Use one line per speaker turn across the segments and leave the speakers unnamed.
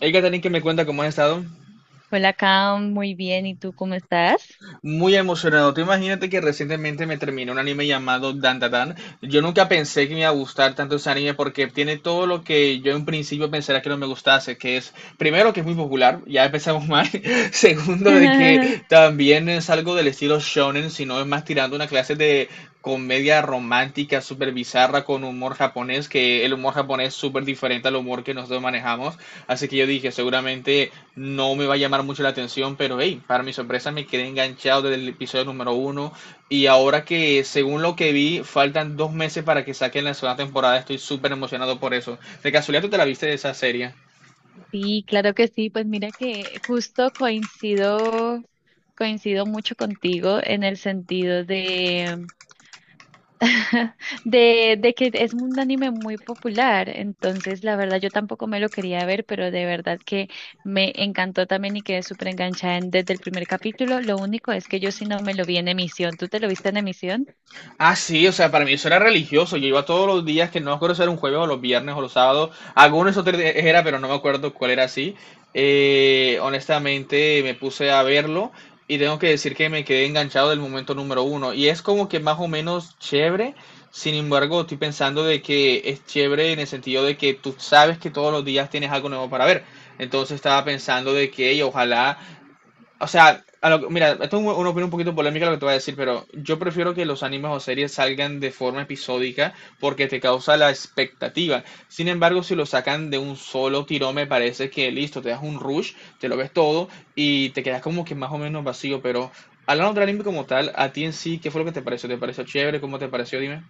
Hay que tener que me cuenta cómo has estado.
Hola, Cam, muy bien. ¿Y tú cómo estás?
Muy emocionado. Tú imagínate que recientemente me terminé un anime llamado Dandadan. Yo nunca pensé que me iba a gustar tanto ese anime porque tiene todo lo que yo en principio pensara que no me gustase, que es, primero, que es muy popular, ya empezamos mal. Segundo, de que también es algo del estilo shonen, sino es más tirando una clase de comedia romántica súper bizarra con humor japonés, que el humor japonés es súper diferente al humor que nosotros manejamos. Así que yo dije, seguramente no me va a llamar mucho la atención, pero hey, para mi sorpresa me quedé enganchado desde el episodio número uno. Y ahora que, según lo que vi, faltan dos meses para que saquen la segunda temporada, estoy súper emocionado por eso. De casualidad, ¿tú te la viste de esa serie?
Sí, claro que sí. Pues mira que justo coincido, coincido mucho contigo en el sentido de, de que es un anime muy popular. Entonces, la verdad, yo tampoco me lo quería ver, pero de verdad que me encantó también y quedé súper enganchada desde el primer capítulo. Lo único es que yo sí no me lo vi en emisión. ¿Tú te lo viste en emisión?
Ah, sí, o sea, para mí eso era religioso. Yo iba todos los días, que no me acuerdo si era un jueves o los viernes o los sábados. Algunos otros días era, pero no me acuerdo cuál era así. Honestamente, me puse a verlo y tengo que decir que me quedé enganchado del momento número uno. Y es como que más o menos chévere. Sin embargo, estoy pensando de que es chévere en el sentido de que tú sabes que todos los días tienes algo nuevo para ver. Entonces estaba pensando de que "Ey, ojalá o sea, a lo- mira, esto es un- una opinión un poquito polémica lo que te voy a decir, pero yo prefiero que los animes o series salgan de forma episódica porque te causa la expectativa. Sin embargo, si lo sacan de un solo tirón, me parece que listo, te das un rush, te lo ves todo y te quedas como que más o menos vacío. Pero hablando del anime como tal, a ti en sí, ¿qué fue lo que te pareció? ¿Te pareció chévere? ¿Cómo te pareció? Dime.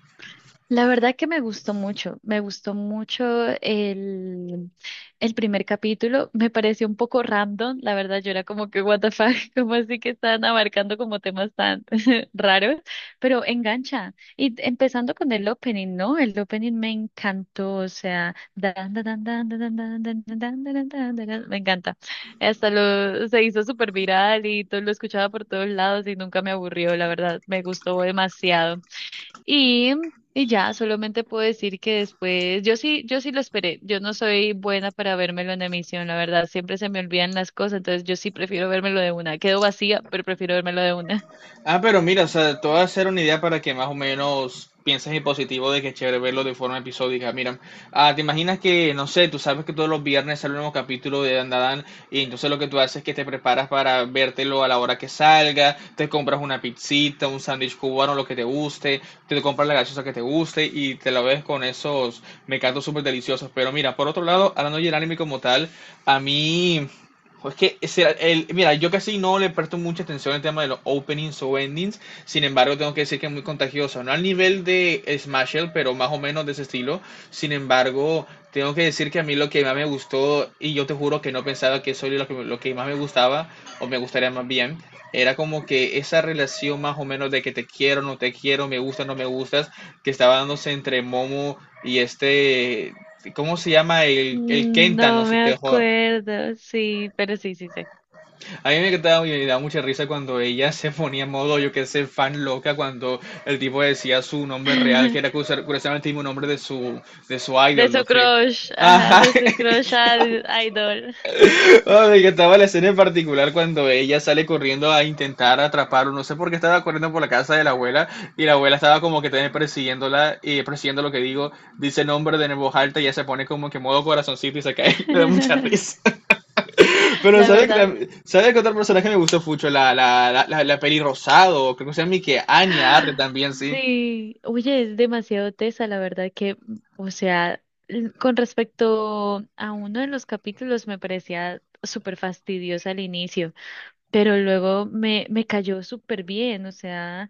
La verdad que me gustó mucho el, el primer capítulo, me pareció un poco random, la verdad yo era como que what the fuck, como así que están abarcando como temas tan raros, pero engancha. Y empezando con el opening, ¿no? El opening me encantó, o sea, dan, dan, dan, dan, dan, dan, dan, dan, dan, dan, dan, dan, dan, me encanta. Hasta lo se hizo súper viral y todo, lo escuchaba por todos lados y nunca me aburrió, la verdad, me gustó demasiado. Y, y ya, solamente puedo decir que después, yo sí, yo sí lo esperé. Yo no soy buena para vérmelo en emisión, la verdad. Siempre se me olvidan las cosas, entonces yo sí prefiero vérmelo de una. Quedo vacía, pero prefiero vérmelo de una.
Ah, pero mira, o sea, te voy a hacer una idea para que más o menos pienses en positivo de que es chévere verlo de forma episódica. Mira, te imaginas que, no sé, tú sabes que todos los viernes sale un nuevo capítulo de Dandadan y entonces lo que tú haces es que te preparas para vértelo a la hora que salga, te compras una pizzita, un sándwich cubano, lo que te guste, te compras la gaseosa que te guste y te la ves con esos mecatos súper deliciosos. Pero mira, por otro lado, hablando del anime como tal, a mí ojo, es que ese era el, mira, yo casi no le presto mucha atención al tema de los openings o endings, sin embargo tengo que decir que es muy contagioso, no al nivel de Smasher, pero más o menos de ese estilo, sin embargo tengo que decir que a mí lo que más me gustó, y yo te juro que no pensaba que eso era lo que más me gustaba, o me gustaría más bien, era como que esa relación más o menos de que te quiero, no te quiero, me gustas, no me gustas, que estaba dándose entre Momo y este, ¿cómo se llama? El
Mm,
Kenta, no
no
sé
me
qué, joder.
acuerdo, sí, pero sí, sí sé.
A mí me quedaba me daba mucha risa cuando ella se ponía en modo, yo qué sé, fan loca, cuando el tipo decía su nombre real, que era curiosa- curiosamente el mismo nombre de su
De
idol, no
su
sé.
crush, ajá,
Ajá.
de su crush al idol.
Oh, me encantaba la escena en particular cuando ella sale corriendo a intentar atraparlo, no sé por qué estaba corriendo por la casa de la abuela y la abuela estaba como que también persiguiéndola y persiguiendo lo que digo, dice el nombre de nuevo alta y ella se pone como que modo corazoncito y se cae. Me da mucha risa. Pero
La
¿sabes que,
verdad.
tam- ¿sabes que otro personaje me gustó mucho? La peli, creo que se llama que Anya Arre también, sí.
Sí, oye, es demasiado tesa, la verdad que, o sea, con respecto a uno de los capítulos me parecía súper fastidiosa al inicio, pero luego me cayó súper bien, o sea,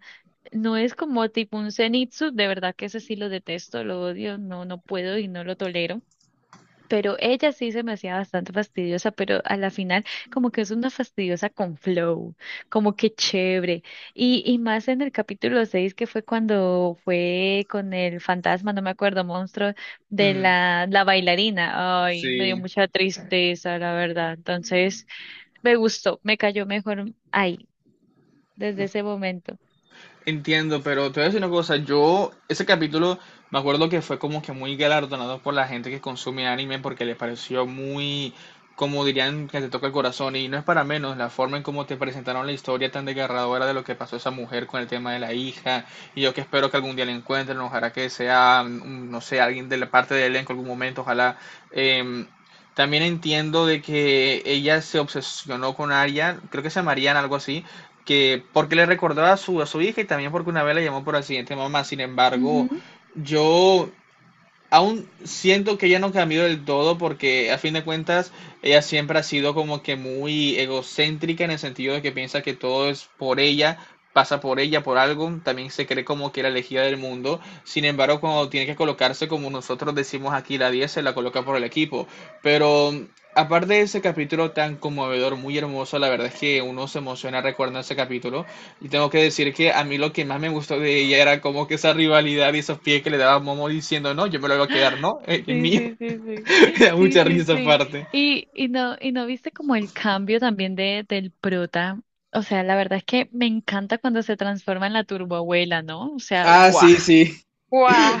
no es como tipo un Zenitsu, de verdad que ese sí lo detesto, lo odio, no, no puedo y no lo tolero, pero ella sí se me hacía bastante fastidiosa, pero a la final como que es una fastidiosa con flow, como que chévere. Y más en el capítulo 6 que fue cuando fue con el fantasma, no me acuerdo, monstruo de
Mm,
la bailarina. Ay, me dio
sí.
mucha tristeza, la verdad. Entonces, me gustó, me cayó mejor ahí, desde ese momento.
Entiendo, pero te voy a decir una cosa, yo, ese capítulo, me acuerdo que fue como que muy galardonado por la gente que consume anime porque le pareció muy, como dirían, que te toca el corazón, y no es para menos la forma en cómo te presentaron la historia tan desgarradora de lo que pasó esa mujer con el tema de la hija, y yo que espero que algún día la encuentren, ojalá que sea, mm, no sé, alguien de la parte del elenco en algún momento, ojalá. em, También entiendo de que ella se obsesionó con Arya, creo que se llama Mariana, algo así, que porque le recordó a su hija y también porque una vez la llamó por accidente mamá. Sin embargo,
Ujú.
yo aún siento que ella no cambió del todo porque a fin de cuentas ella siempre ha sido como que muy egocéntrica en el sentido de que piensa que todo es por ella, pasa por ella, por algo, también se cree como que la elegida del mundo, sin embargo cuando tiene que colocarse, como nosotros decimos aquí, la diez, se la coloca por el equipo, pero aparte de ese capítulo tan conmovedor, muy hermoso, la verdad es que uno se emociona recordando ese capítulo, y tengo que decir que a mí lo que más me gustó de ella era como que esa rivalidad y esos pies que le daba Momo diciendo, no, yo me lo voy a quedar, no, es
Sí,
mío.
sí, sí, sí.
Me da
Sí,
mucha
sí,
risa
sí.
aparte.
Y no, y no viste como el cambio también de, del prota. O sea, la verdad es que me encanta cuando se transforma en la turboabuela, ¿no? O sea,
Ah,
guau,
sí, sí.
guau.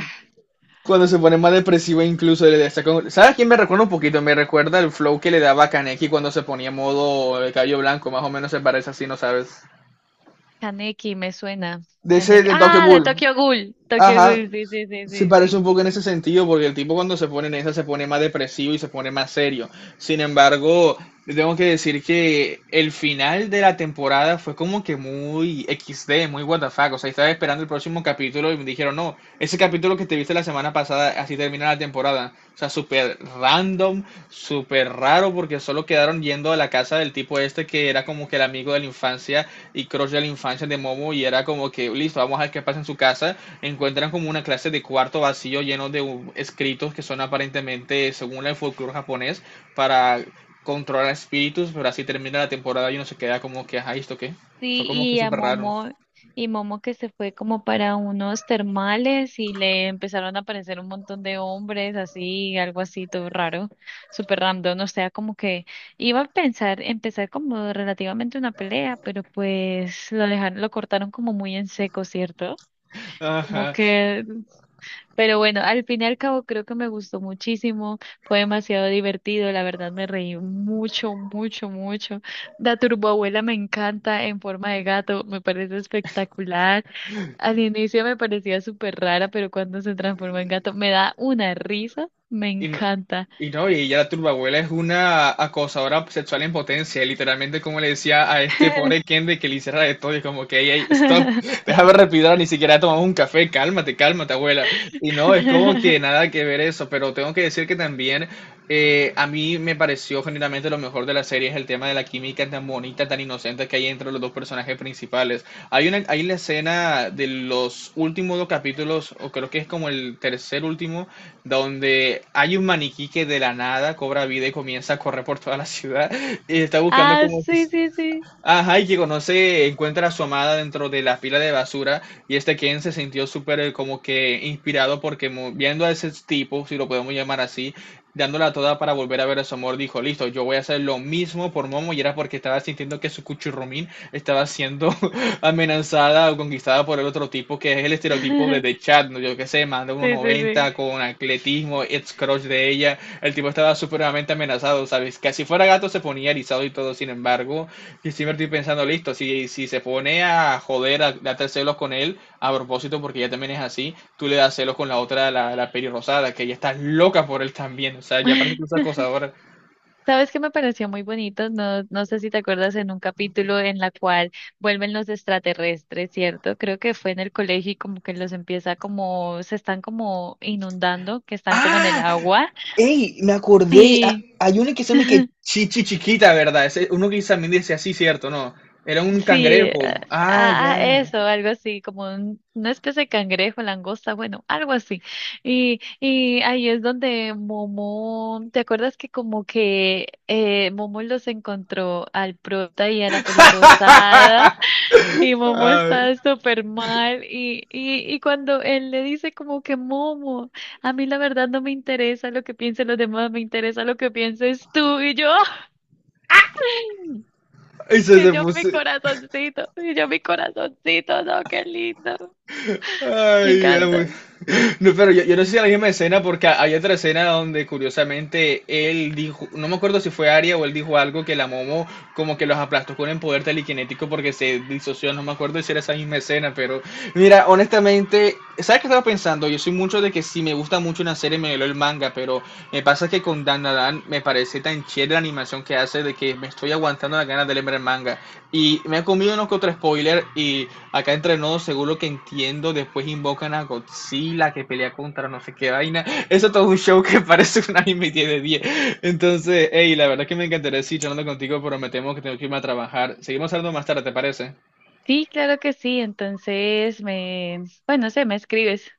Cuando se pone más depresivo incluso le está con- ¿Sabes a quién me recuerda un poquito? Me recuerda el flow que le daba Kaneki cuando se ponía modo el cabello blanco, más o menos se parece así, ¿no sabes?
Kaneki me suena.
De ese
Kaneki.
de Tokyo
Ah, de
Ghoul.
Tokyo Ghoul. Tokyo
Ajá.
Ghoul, sí, sí, sí,
Se
sí,
parece
sí.
un poco en ese sentido, porque el tipo cuando se pone en esa se pone más depresivo y se pone más serio. Sin embargo, tengo que decir que el final de la temporada fue como que muy equis, de muy what the fuck. O sea, estaba esperando el próximo capítulo y me dijeron, no, ese capítulo que te viste la semana pasada, así termina la temporada. O sea, súper random, súper raro, porque solo quedaron yendo a la casa del tipo este que era como que el amigo de la infancia y crush de la infancia de Momo y era como que, listo, vamos a ver qué pasa en su casa, encuentran como una clase de cuarto vacío lleno de escritos que son aparentemente, según el folclore japonés, para controlar espíritus, pero así termina la temporada y uno se queda como que, ajá, ¿esto qué? Fue
Sí,
como que
y a
súper raro.
Momo, y Momo que se fue como para unos termales y le empezaron a aparecer un montón de hombres, así, algo así, todo raro, súper random, o sea, como que iba a pensar, empezar como relativamente una pelea, pero pues lo dejaron, lo cortaron como muy en seco, ¿cierto? Como
Ajá.
que, pero bueno, al fin y al cabo creo que me gustó muchísimo, fue demasiado divertido, la verdad me reí mucho, mucho, mucho. La turboabuela me encanta en forma de gato, me parece espectacular. Al inicio me parecía súper rara, pero cuando se transforma en gato me da una risa, me
Y no,
encanta.
y no, y ella, la turbabuela, es una acosadora sexual en potencia, literalmente como le decía a este pobre Ken de que le hiciera de todo y como que, ey, ey, stop, déjame respirar, ni siquiera he tomado un café, cálmate, cálmate, abuela. Y no, es como que nada que ver eso, pero tengo que decir que también a mí me pareció generalmente lo mejor de la serie es el tema de la química tan bonita, tan inocente que hay entre los dos personajes principales. Hay una, hay la escena de los últimos dos capítulos, o creo que es como el tercer último, donde hay un maniquí que de la nada cobra vida y comienza a correr por toda la ciudad y está buscando
Ah,
como
sí, sí, sí.
ajá, y que conoce, encuentra a su amada dentro de la pila de basura, y este Ken se sintió súper como que inspirado porque mu- viendo a ese tipo, si lo podemos llamar así, dándola toda para volver a ver a su amor, dijo, listo, yo voy a hacer lo mismo por Momo, y era porque estaba sintiendo que su cuchurrumín estaba siendo amenazada o conquistada por el otro tipo que es el estereotipo de The Chat, ¿no? Yo qué sé, manda uno
Sí, sí, sí.
noventa con atletismo, ex crush de ella, el tipo estaba supremamente amenazado, ¿sabes? Que si fuera gato se ponía erizado y todo, sin embargo... Y siempre estoy pensando, listo, si, se pone a joder, a darte celos con él, a propósito, porque ella también es así, tú le das celos con la otra, la pelirrosada, que ella está loca por él también. O sea, ya parece que es acosadora.
¿Sabes qué me pareció muy bonito? No, no sé si te acuerdas en un capítulo en la cual vuelven los extraterrestres, ¿cierto? Creo que fue en el colegio y como que los empieza como, se están como inundando, que están como en el
¡Ah!
agua.
¡Ey! Me acordé.
Y
Hay uno que se me que chichi chiquita, ¿verdad? Ese- uno que también dice así, ¿cierto? No. Era un
sí,
cangrejo. Ah,
ah, ah,
ya.
eso, algo así, como una especie de cangrejo, langosta, bueno, algo así. Y ahí es donde Momo, ¿te acuerdas que como que Momo los encontró al prota y a la pelirrosada? Y Momo
Ay,
está súper mal y cuando él le dice como que Momo, a mí la verdad no me interesa lo que piensen los demás, me interesa lo que pienses tú y yo, ¡ay!
eso
Y
se
yo mi
puso.
corazoncito, y yo mi corazoncito, no, qué lindo, me
Ay, era muy-
encanta.
No, pero yo, no sé si es la misma escena porque hay otra escena donde curiosamente él dijo, no me acuerdo si fue Aria, o él dijo algo que la Momo como que los aplastó con el poder telequinético porque se disoció, no me acuerdo si era esa misma escena, pero mira, honestamente, ¿sabes qué estaba pensando? Yo soy mucho de que si me gusta mucho una serie me leo el manga, pero me pasa que con Dan me parece tan chévere la animación que hace de que me estoy aguantando las ganas de leer el manga. Y me ha comido unos que otro spoiler y acá entre nos, según lo que entiendo, después invocan a Godzilla que pelea contra no sé qué vaina. Eso es todo un show que parece un anime 10 de 10. Entonces, hey, la verdad es que me encantaría seguir charlando contigo, pero me temo que tengo que irme a trabajar. Seguimos hablando más tarde, ¿te parece?
Sí, claro que sí, entonces me, bueno, no sé, me escribes.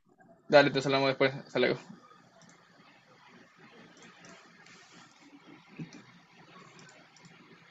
Dale, te hablamos después. Hasta luego.